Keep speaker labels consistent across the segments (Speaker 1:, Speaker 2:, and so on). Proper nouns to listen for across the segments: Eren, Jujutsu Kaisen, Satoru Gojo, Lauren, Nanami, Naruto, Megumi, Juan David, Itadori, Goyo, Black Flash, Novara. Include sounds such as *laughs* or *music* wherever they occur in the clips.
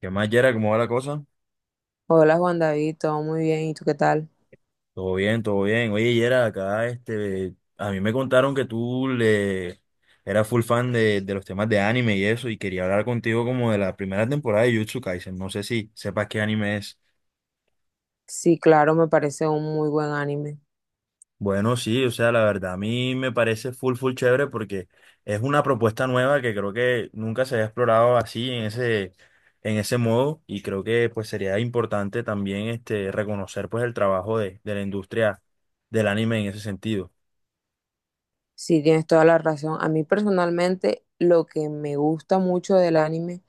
Speaker 1: ¿Qué más, Yera? ¿Cómo va la cosa?
Speaker 2: Hola Juan David, todo muy bien, ¿y tú qué tal?
Speaker 1: Todo bien, todo bien. Oye, Yera, acá este, a mí me contaron que tú le eras full fan de los temas de anime y eso, y quería hablar contigo como de la primera temporada de Jujutsu Kaisen. No sé si sepas qué anime es.
Speaker 2: Sí, claro, me parece un muy buen anime.
Speaker 1: Bueno, sí, o sea, la verdad, a mí me parece full, full chévere porque es una propuesta nueva que creo que nunca se había explorado así en en ese modo, y creo que pues sería importante también este, reconocer pues el trabajo de la industria del anime en ese sentido.
Speaker 2: Sí, tienes toda la razón. A mí personalmente lo que me gusta mucho del anime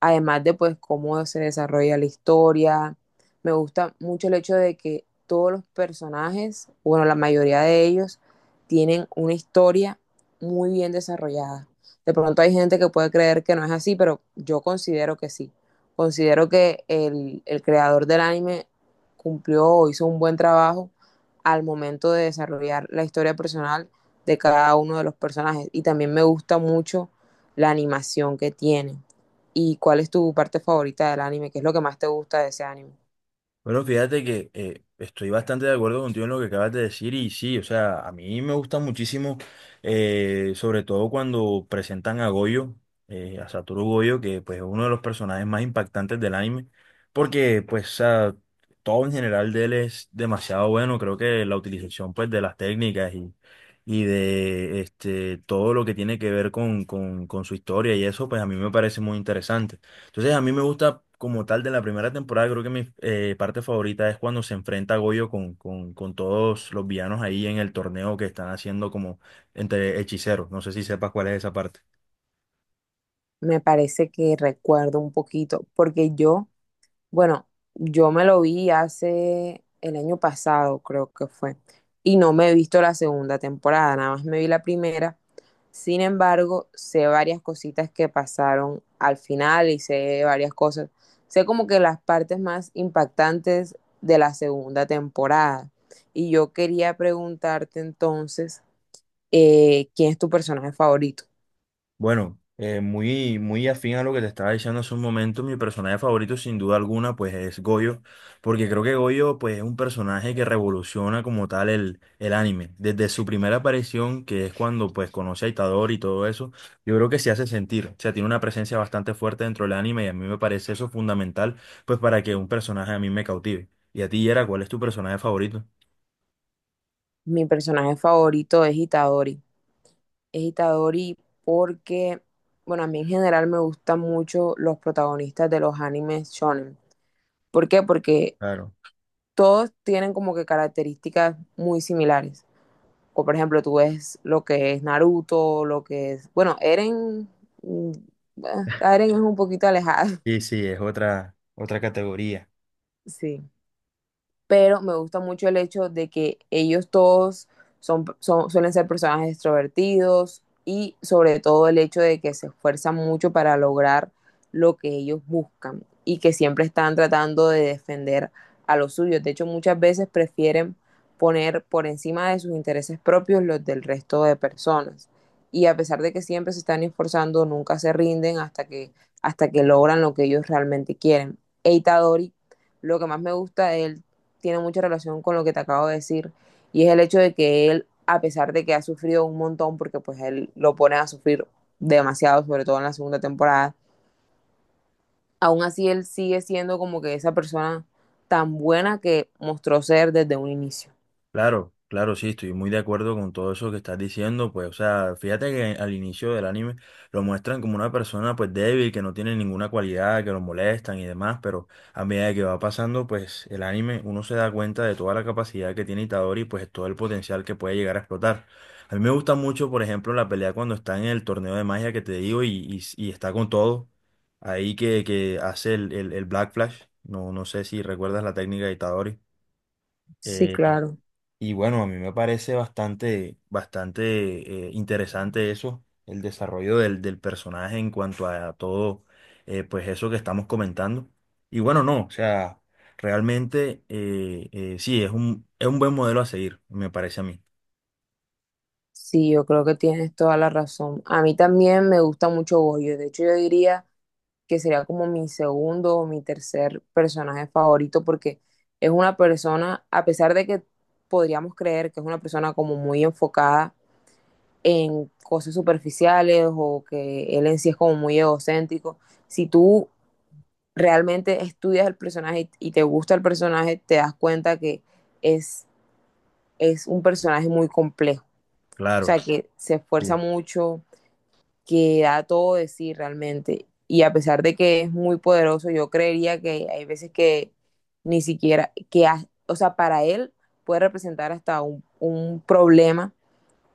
Speaker 2: además de pues cómo se desarrolla la historia. Me gusta mucho el hecho de que todos los personajes, bueno, la mayoría de ellos, tienen una historia muy bien desarrollada. De pronto hay gente que puede creer que no es así, pero yo considero que sí. Considero que el creador del anime cumplió o hizo un buen trabajo al momento de desarrollar la historia personal de cada uno de los personajes. Y también me gusta mucho la animación que tiene. ¿Y cuál es tu parte favorita del anime? ¿Qué es lo que más te gusta de ese anime?
Speaker 1: Bueno, fíjate que estoy bastante de acuerdo contigo en lo que acabas de decir y sí, o sea, a mí me gusta muchísimo, sobre todo cuando presentan a Goyo, a Satoru Goyo, que pues es uno de los personajes más impactantes del anime, porque pues o sea, todo en general de él es demasiado bueno, creo que la utilización pues de las técnicas y de este, todo lo que tiene que ver con su historia y eso, pues a mí me parece muy interesante. Entonces, a mí me gusta como tal de la primera temporada, creo que mi parte favorita es cuando se enfrenta a Goyo con todos los villanos ahí en el torneo que están haciendo como entre hechiceros. No sé si sepas cuál es esa parte.
Speaker 2: Me parece que recuerdo un poquito, porque yo, bueno, yo me lo vi hace el año pasado, creo que fue, y no me he visto la segunda temporada, nada más me vi la primera. Sin embargo, sé varias cositas que pasaron al final y sé varias cosas. Sé como que las partes más impactantes de la segunda temporada. Y yo quería preguntarte entonces ¿quién es tu personaje favorito?
Speaker 1: Bueno, muy, muy afín a lo que te estaba diciendo hace un momento, mi personaje favorito sin duda alguna pues es Goyo, porque creo que Goyo pues es un personaje que revoluciona como tal el anime. Desde su primera aparición, que es cuando pues conoce a Itadori y todo eso, yo creo que se hace sentir, o sea, tiene una presencia bastante fuerte dentro del anime y a mí me parece eso fundamental pues para que un personaje a mí me cautive. Y a ti, Yera, ¿cuál es tu personaje favorito?
Speaker 2: Mi personaje favorito es Itadori. Es Itadori porque, bueno, a mí en general me gustan mucho los protagonistas de los animes shonen. ¿Por qué? Porque
Speaker 1: Claro.
Speaker 2: todos tienen como que características muy similares. O por ejemplo, tú ves lo que es Naruto, lo que es, bueno, Eren, mm, ah, Eren es un poquito alejado.
Speaker 1: Sí, sí, es otra, otra categoría.
Speaker 2: *laughs* Sí, pero me gusta mucho el hecho de que ellos todos son, suelen ser personajes extrovertidos y sobre todo el hecho de que se esfuerzan mucho para lograr lo que ellos buscan y que siempre están tratando de defender a los suyos. De hecho, muchas veces prefieren poner por encima de sus intereses propios los del resto de personas. Y a pesar de que siempre se están esforzando, nunca se rinden hasta que logran lo que ellos realmente quieren. Eita Dori, lo que más me gusta de él tiene mucha relación con lo que te acabo de decir, y es el hecho de que él, a pesar de que ha sufrido un montón, porque pues él lo pone a sufrir demasiado, sobre todo en la segunda temporada, aún así él sigue siendo como que esa persona tan buena que mostró ser desde un inicio.
Speaker 1: Claro, claro, sí, estoy muy de acuerdo con todo eso que estás diciendo, pues, o sea, fíjate que al inicio del anime lo muestran como una persona, pues, débil, que no tiene ninguna cualidad, que lo molestan y demás, pero a medida que va pasando, pues, el anime, uno se da cuenta de toda la capacidad que tiene Itadori, y, pues, todo el potencial que puede llegar a explotar. A mí me gusta mucho, por ejemplo, la pelea cuando está en el torneo de magia que te digo y está con todo, ahí que hace el Black Flash, no sé si recuerdas la técnica de Itadori.
Speaker 2: Sí,
Speaker 1: eh,
Speaker 2: claro.
Speaker 1: y bueno, a mí me parece bastante, bastante interesante eso, el desarrollo del personaje en cuanto a todo, pues eso que estamos comentando. Y bueno, no, o sea, realmente sí, es un buen modelo a seguir, me parece a mí.
Speaker 2: Sí, yo creo que tienes toda la razón. A mí también me gusta mucho Goyo. De hecho, yo diría que sería como mi segundo o mi tercer personaje favorito, porque es una persona, a pesar de que podríamos creer que es una persona como muy enfocada en cosas superficiales o que él en sí es como muy egocéntrico, si tú realmente estudias el personaje y te gusta el personaje, te das cuenta que es, es un personaje muy complejo, o
Speaker 1: Claro,
Speaker 2: sea, que se esfuerza
Speaker 1: sí,
Speaker 2: mucho, que da todo de sí realmente. Y a pesar de que es muy poderoso, yo creería que hay veces que ni siquiera, o sea, para él puede representar hasta un problema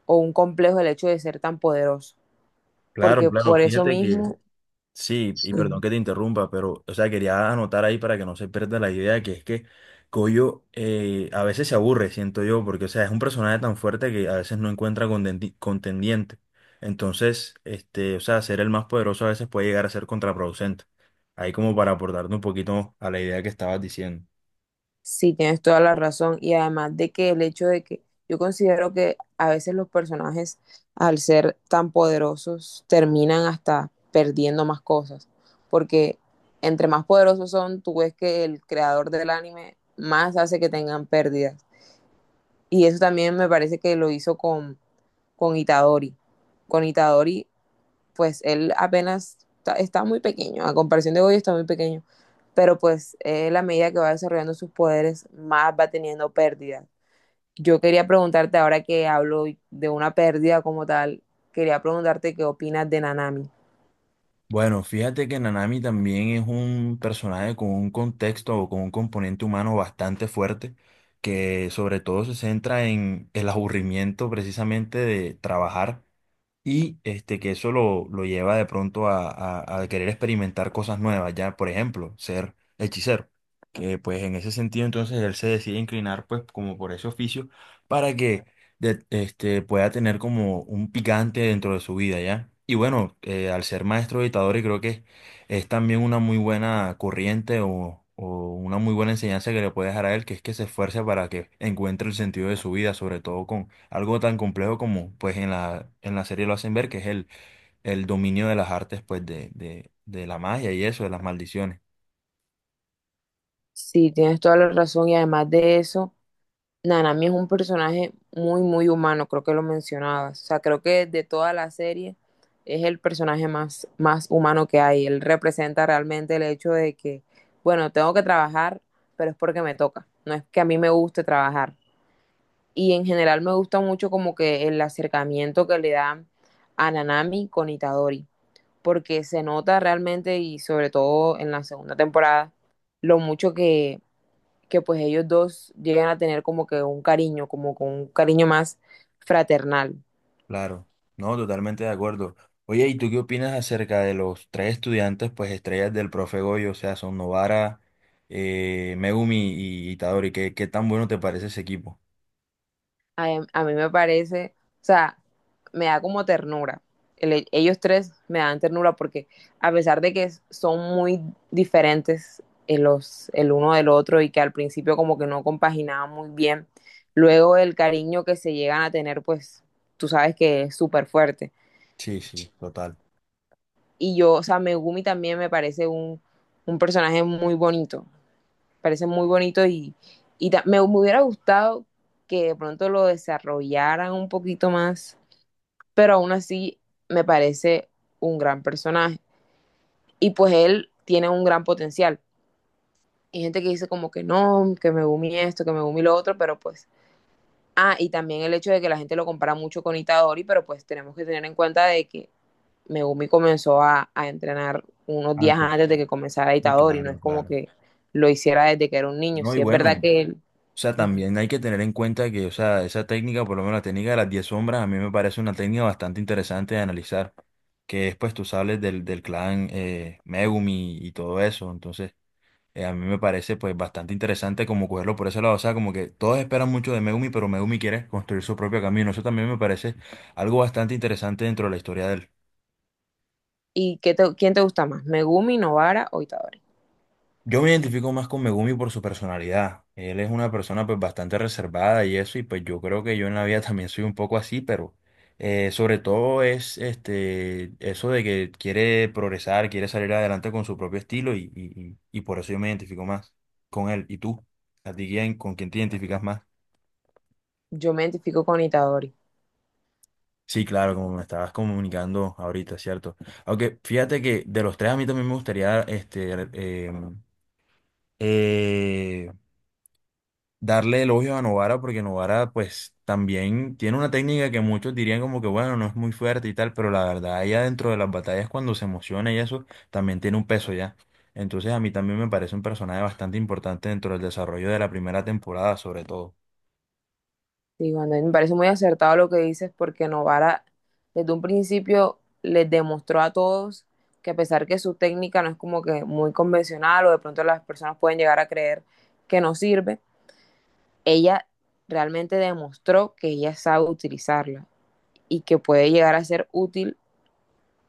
Speaker 2: o un complejo el hecho de ser tan poderoso,
Speaker 1: claro,
Speaker 2: porque
Speaker 1: claro.
Speaker 2: por eso
Speaker 1: Fíjate que
Speaker 2: mismo.
Speaker 1: sí, y perdón que te interrumpa, pero, o sea, quería anotar ahí para que no se pierda la idea, que es que Coyo a veces se aburre, siento yo, porque, o sea, es un personaje tan fuerte que a veces no encuentra contendiente. Entonces, este, o sea, ser el más poderoso a veces puede llegar a ser contraproducente. Ahí como para aportarte un poquito a la idea que estabas diciendo.
Speaker 2: Sí, tienes toda la razón. Y además de que el hecho de que yo considero que a veces los personajes, al ser tan poderosos, terminan hasta perdiendo más cosas. Porque entre más poderosos son, tú ves que el creador del anime más hace que tengan pérdidas. Y eso también me parece que lo hizo con Itadori. Con Itadori pues él apenas está muy pequeño, a comparación de Goyo está muy pequeño, pero pues él a medida que va desarrollando sus poderes, más va teniendo pérdidas. Yo quería preguntarte, ahora que hablo de una pérdida como tal, quería preguntarte qué opinas de Nanami.
Speaker 1: Bueno, fíjate que Nanami también es un personaje con un contexto o con un componente humano bastante fuerte, que sobre todo se centra en el aburrimiento precisamente de trabajar. Y este, que eso lo lleva de pronto a querer experimentar cosas nuevas, ya, por ejemplo, ser hechicero. Que pues en ese sentido entonces él se decide inclinar pues como por ese oficio para que este, pueda tener como un picante dentro de su vida, ya. Y bueno, al ser maestro editador y creo que es también una muy buena corriente o una muy buena enseñanza que le puede dejar a él, que es que se esfuerce para que encuentre el sentido de su vida, sobre todo con algo tan complejo como pues en la serie lo hacen ver, que es el dominio de las artes, pues de la magia y eso, de las maldiciones.
Speaker 2: Sí, tienes toda la razón, y además de eso, Nanami es un personaje muy humano, creo que lo mencionabas. O sea, creo que de toda la serie es el personaje más, más humano que hay. Él representa realmente el hecho de que, bueno, tengo que trabajar, pero es porque me toca. No es que a mí me guste trabajar. Y en general me gusta mucho como que el acercamiento que le dan a Nanami con Itadori, porque se nota realmente y sobre todo en la segunda temporada lo mucho que pues ellos dos llegan a tener como que un cariño, como con un cariño más fraternal.
Speaker 1: Claro, no, totalmente de acuerdo. Oye, ¿y tú qué opinas acerca de los tres estudiantes, pues estrellas del profe Goyo? O sea, son Novara, Megumi y Itadori. ¿Qué, qué tan bueno te parece ese equipo?
Speaker 2: A mí me parece, o sea, me da como ternura. Ellos tres me dan ternura porque a pesar de que son muy diferentes en los, el uno del otro y que al principio como que no compaginaban muy bien, luego el cariño que se llegan a tener, pues tú sabes que es súper fuerte.
Speaker 1: Sí, sí, total.
Speaker 2: Y yo, o sea, Megumi también me parece un personaje muy bonito. Parece muy bonito y, hubiera gustado que de pronto lo desarrollaran un poquito más, pero aún así me parece un gran personaje. Y pues él tiene un gran potencial. Hay gente que dice como que no, que me gumi esto, que me gumi lo otro, pero pues... Ah, y también el hecho de que la gente lo compara mucho con Itadori, pero pues tenemos que tener en cuenta de que Megumi comenzó entrenar unos días
Speaker 1: Antes.
Speaker 2: antes de que comenzara
Speaker 1: Sí,
Speaker 2: Itadori, no es
Speaker 1: claro,
Speaker 2: como
Speaker 1: claro.
Speaker 2: que lo hiciera desde que era un niño.
Speaker 1: No,
Speaker 2: Si
Speaker 1: y
Speaker 2: sí es
Speaker 1: bueno,
Speaker 2: verdad
Speaker 1: o
Speaker 2: que él...
Speaker 1: sea,
Speaker 2: Uh -huh.
Speaker 1: también hay que tener en cuenta que, o sea, esa técnica, por lo menos la técnica de las 10 sombras, a mí me parece una técnica bastante interesante de analizar, que es, pues, tú sabes del clan Megumi y todo eso, entonces, a mí me parece, pues, bastante interesante como cogerlo por ese lado, o sea, como que todos esperan mucho de Megumi, pero Megumi quiere construir su propio camino, eso también me parece algo bastante interesante dentro de la historia de él.
Speaker 2: ¿Y qué quién te gusta más? ¿Megumi, Novara o Itadori?
Speaker 1: Yo me identifico más con Megumi por su personalidad. Él es una persona pues bastante reservada y eso, y pues yo creo que yo en la vida *laughs* también soy un poco así, pero sobre todo es este eso de que quiere progresar, quiere salir adelante con su propio estilo y por eso yo me identifico más con él. ¿Y tú? ¿A ti quién, con quién te identificas más?
Speaker 2: Yo me identifico con Itadori.
Speaker 1: Sí, claro, como me estabas comunicando ahorita, ¿cierto? Aunque fíjate que de los tres a mí también me gustaría este, em, eh, darle elogios a Novara porque Novara pues también tiene una técnica que muchos dirían como que bueno, no es muy fuerte y tal, pero la verdad ella dentro de las batallas cuando se emociona y eso también tiene un peso ya. Entonces a mí también me parece un personaje bastante importante dentro del desarrollo de la primera temporada sobre todo.
Speaker 2: Y cuando... me parece muy acertado lo que dices, porque Novara desde un principio les demostró a todos que a pesar que su técnica no es como que muy convencional o de pronto las personas pueden llegar a creer que no sirve, ella realmente demostró que ella sabe utilizarla y que puede llegar a ser útil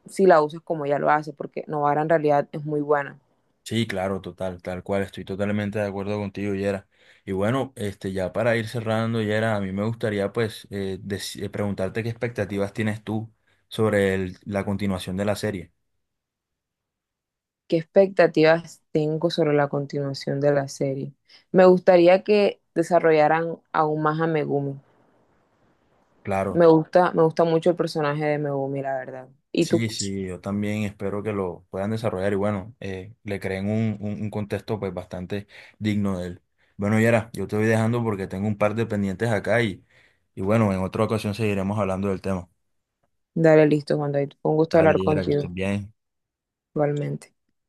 Speaker 2: si la usas como ella lo hace, porque Novara en realidad es muy buena.
Speaker 1: Sí, claro, total, tal cual, estoy totalmente de acuerdo contigo, Yera. Y bueno, este, ya para ir cerrando, Yera, a mí me gustaría pues preguntarte qué expectativas tienes tú sobre la continuación de la serie.
Speaker 2: ¿Qué expectativas tengo sobre la continuación de la serie? Me gustaría que desarrollaran aún más a Megumi.
Speaker 1: Claro.
Speaker 2: Me gusta mucho el personaje de Megumi, la verdad. Y tú,
Speaker 1: Sí, sí, yo también espero que lo puedan desarrollar y bueno, le creen un contexto pues bastante digno de él. Bueno, Yera, yo te voy dejando porque tengo un par de pendientes acá y bueno, en otra ocasión seguiremos hablando del tema.
Speaker 2: dale, listo, Juan David. Fue un gusto
Speaker 1: Dale,
Speaker 2: hablar
Speaker 1: Yera, que
Speaker 2: contigo,
Speaker 1: estén bien.
Speaker 2: igualmente.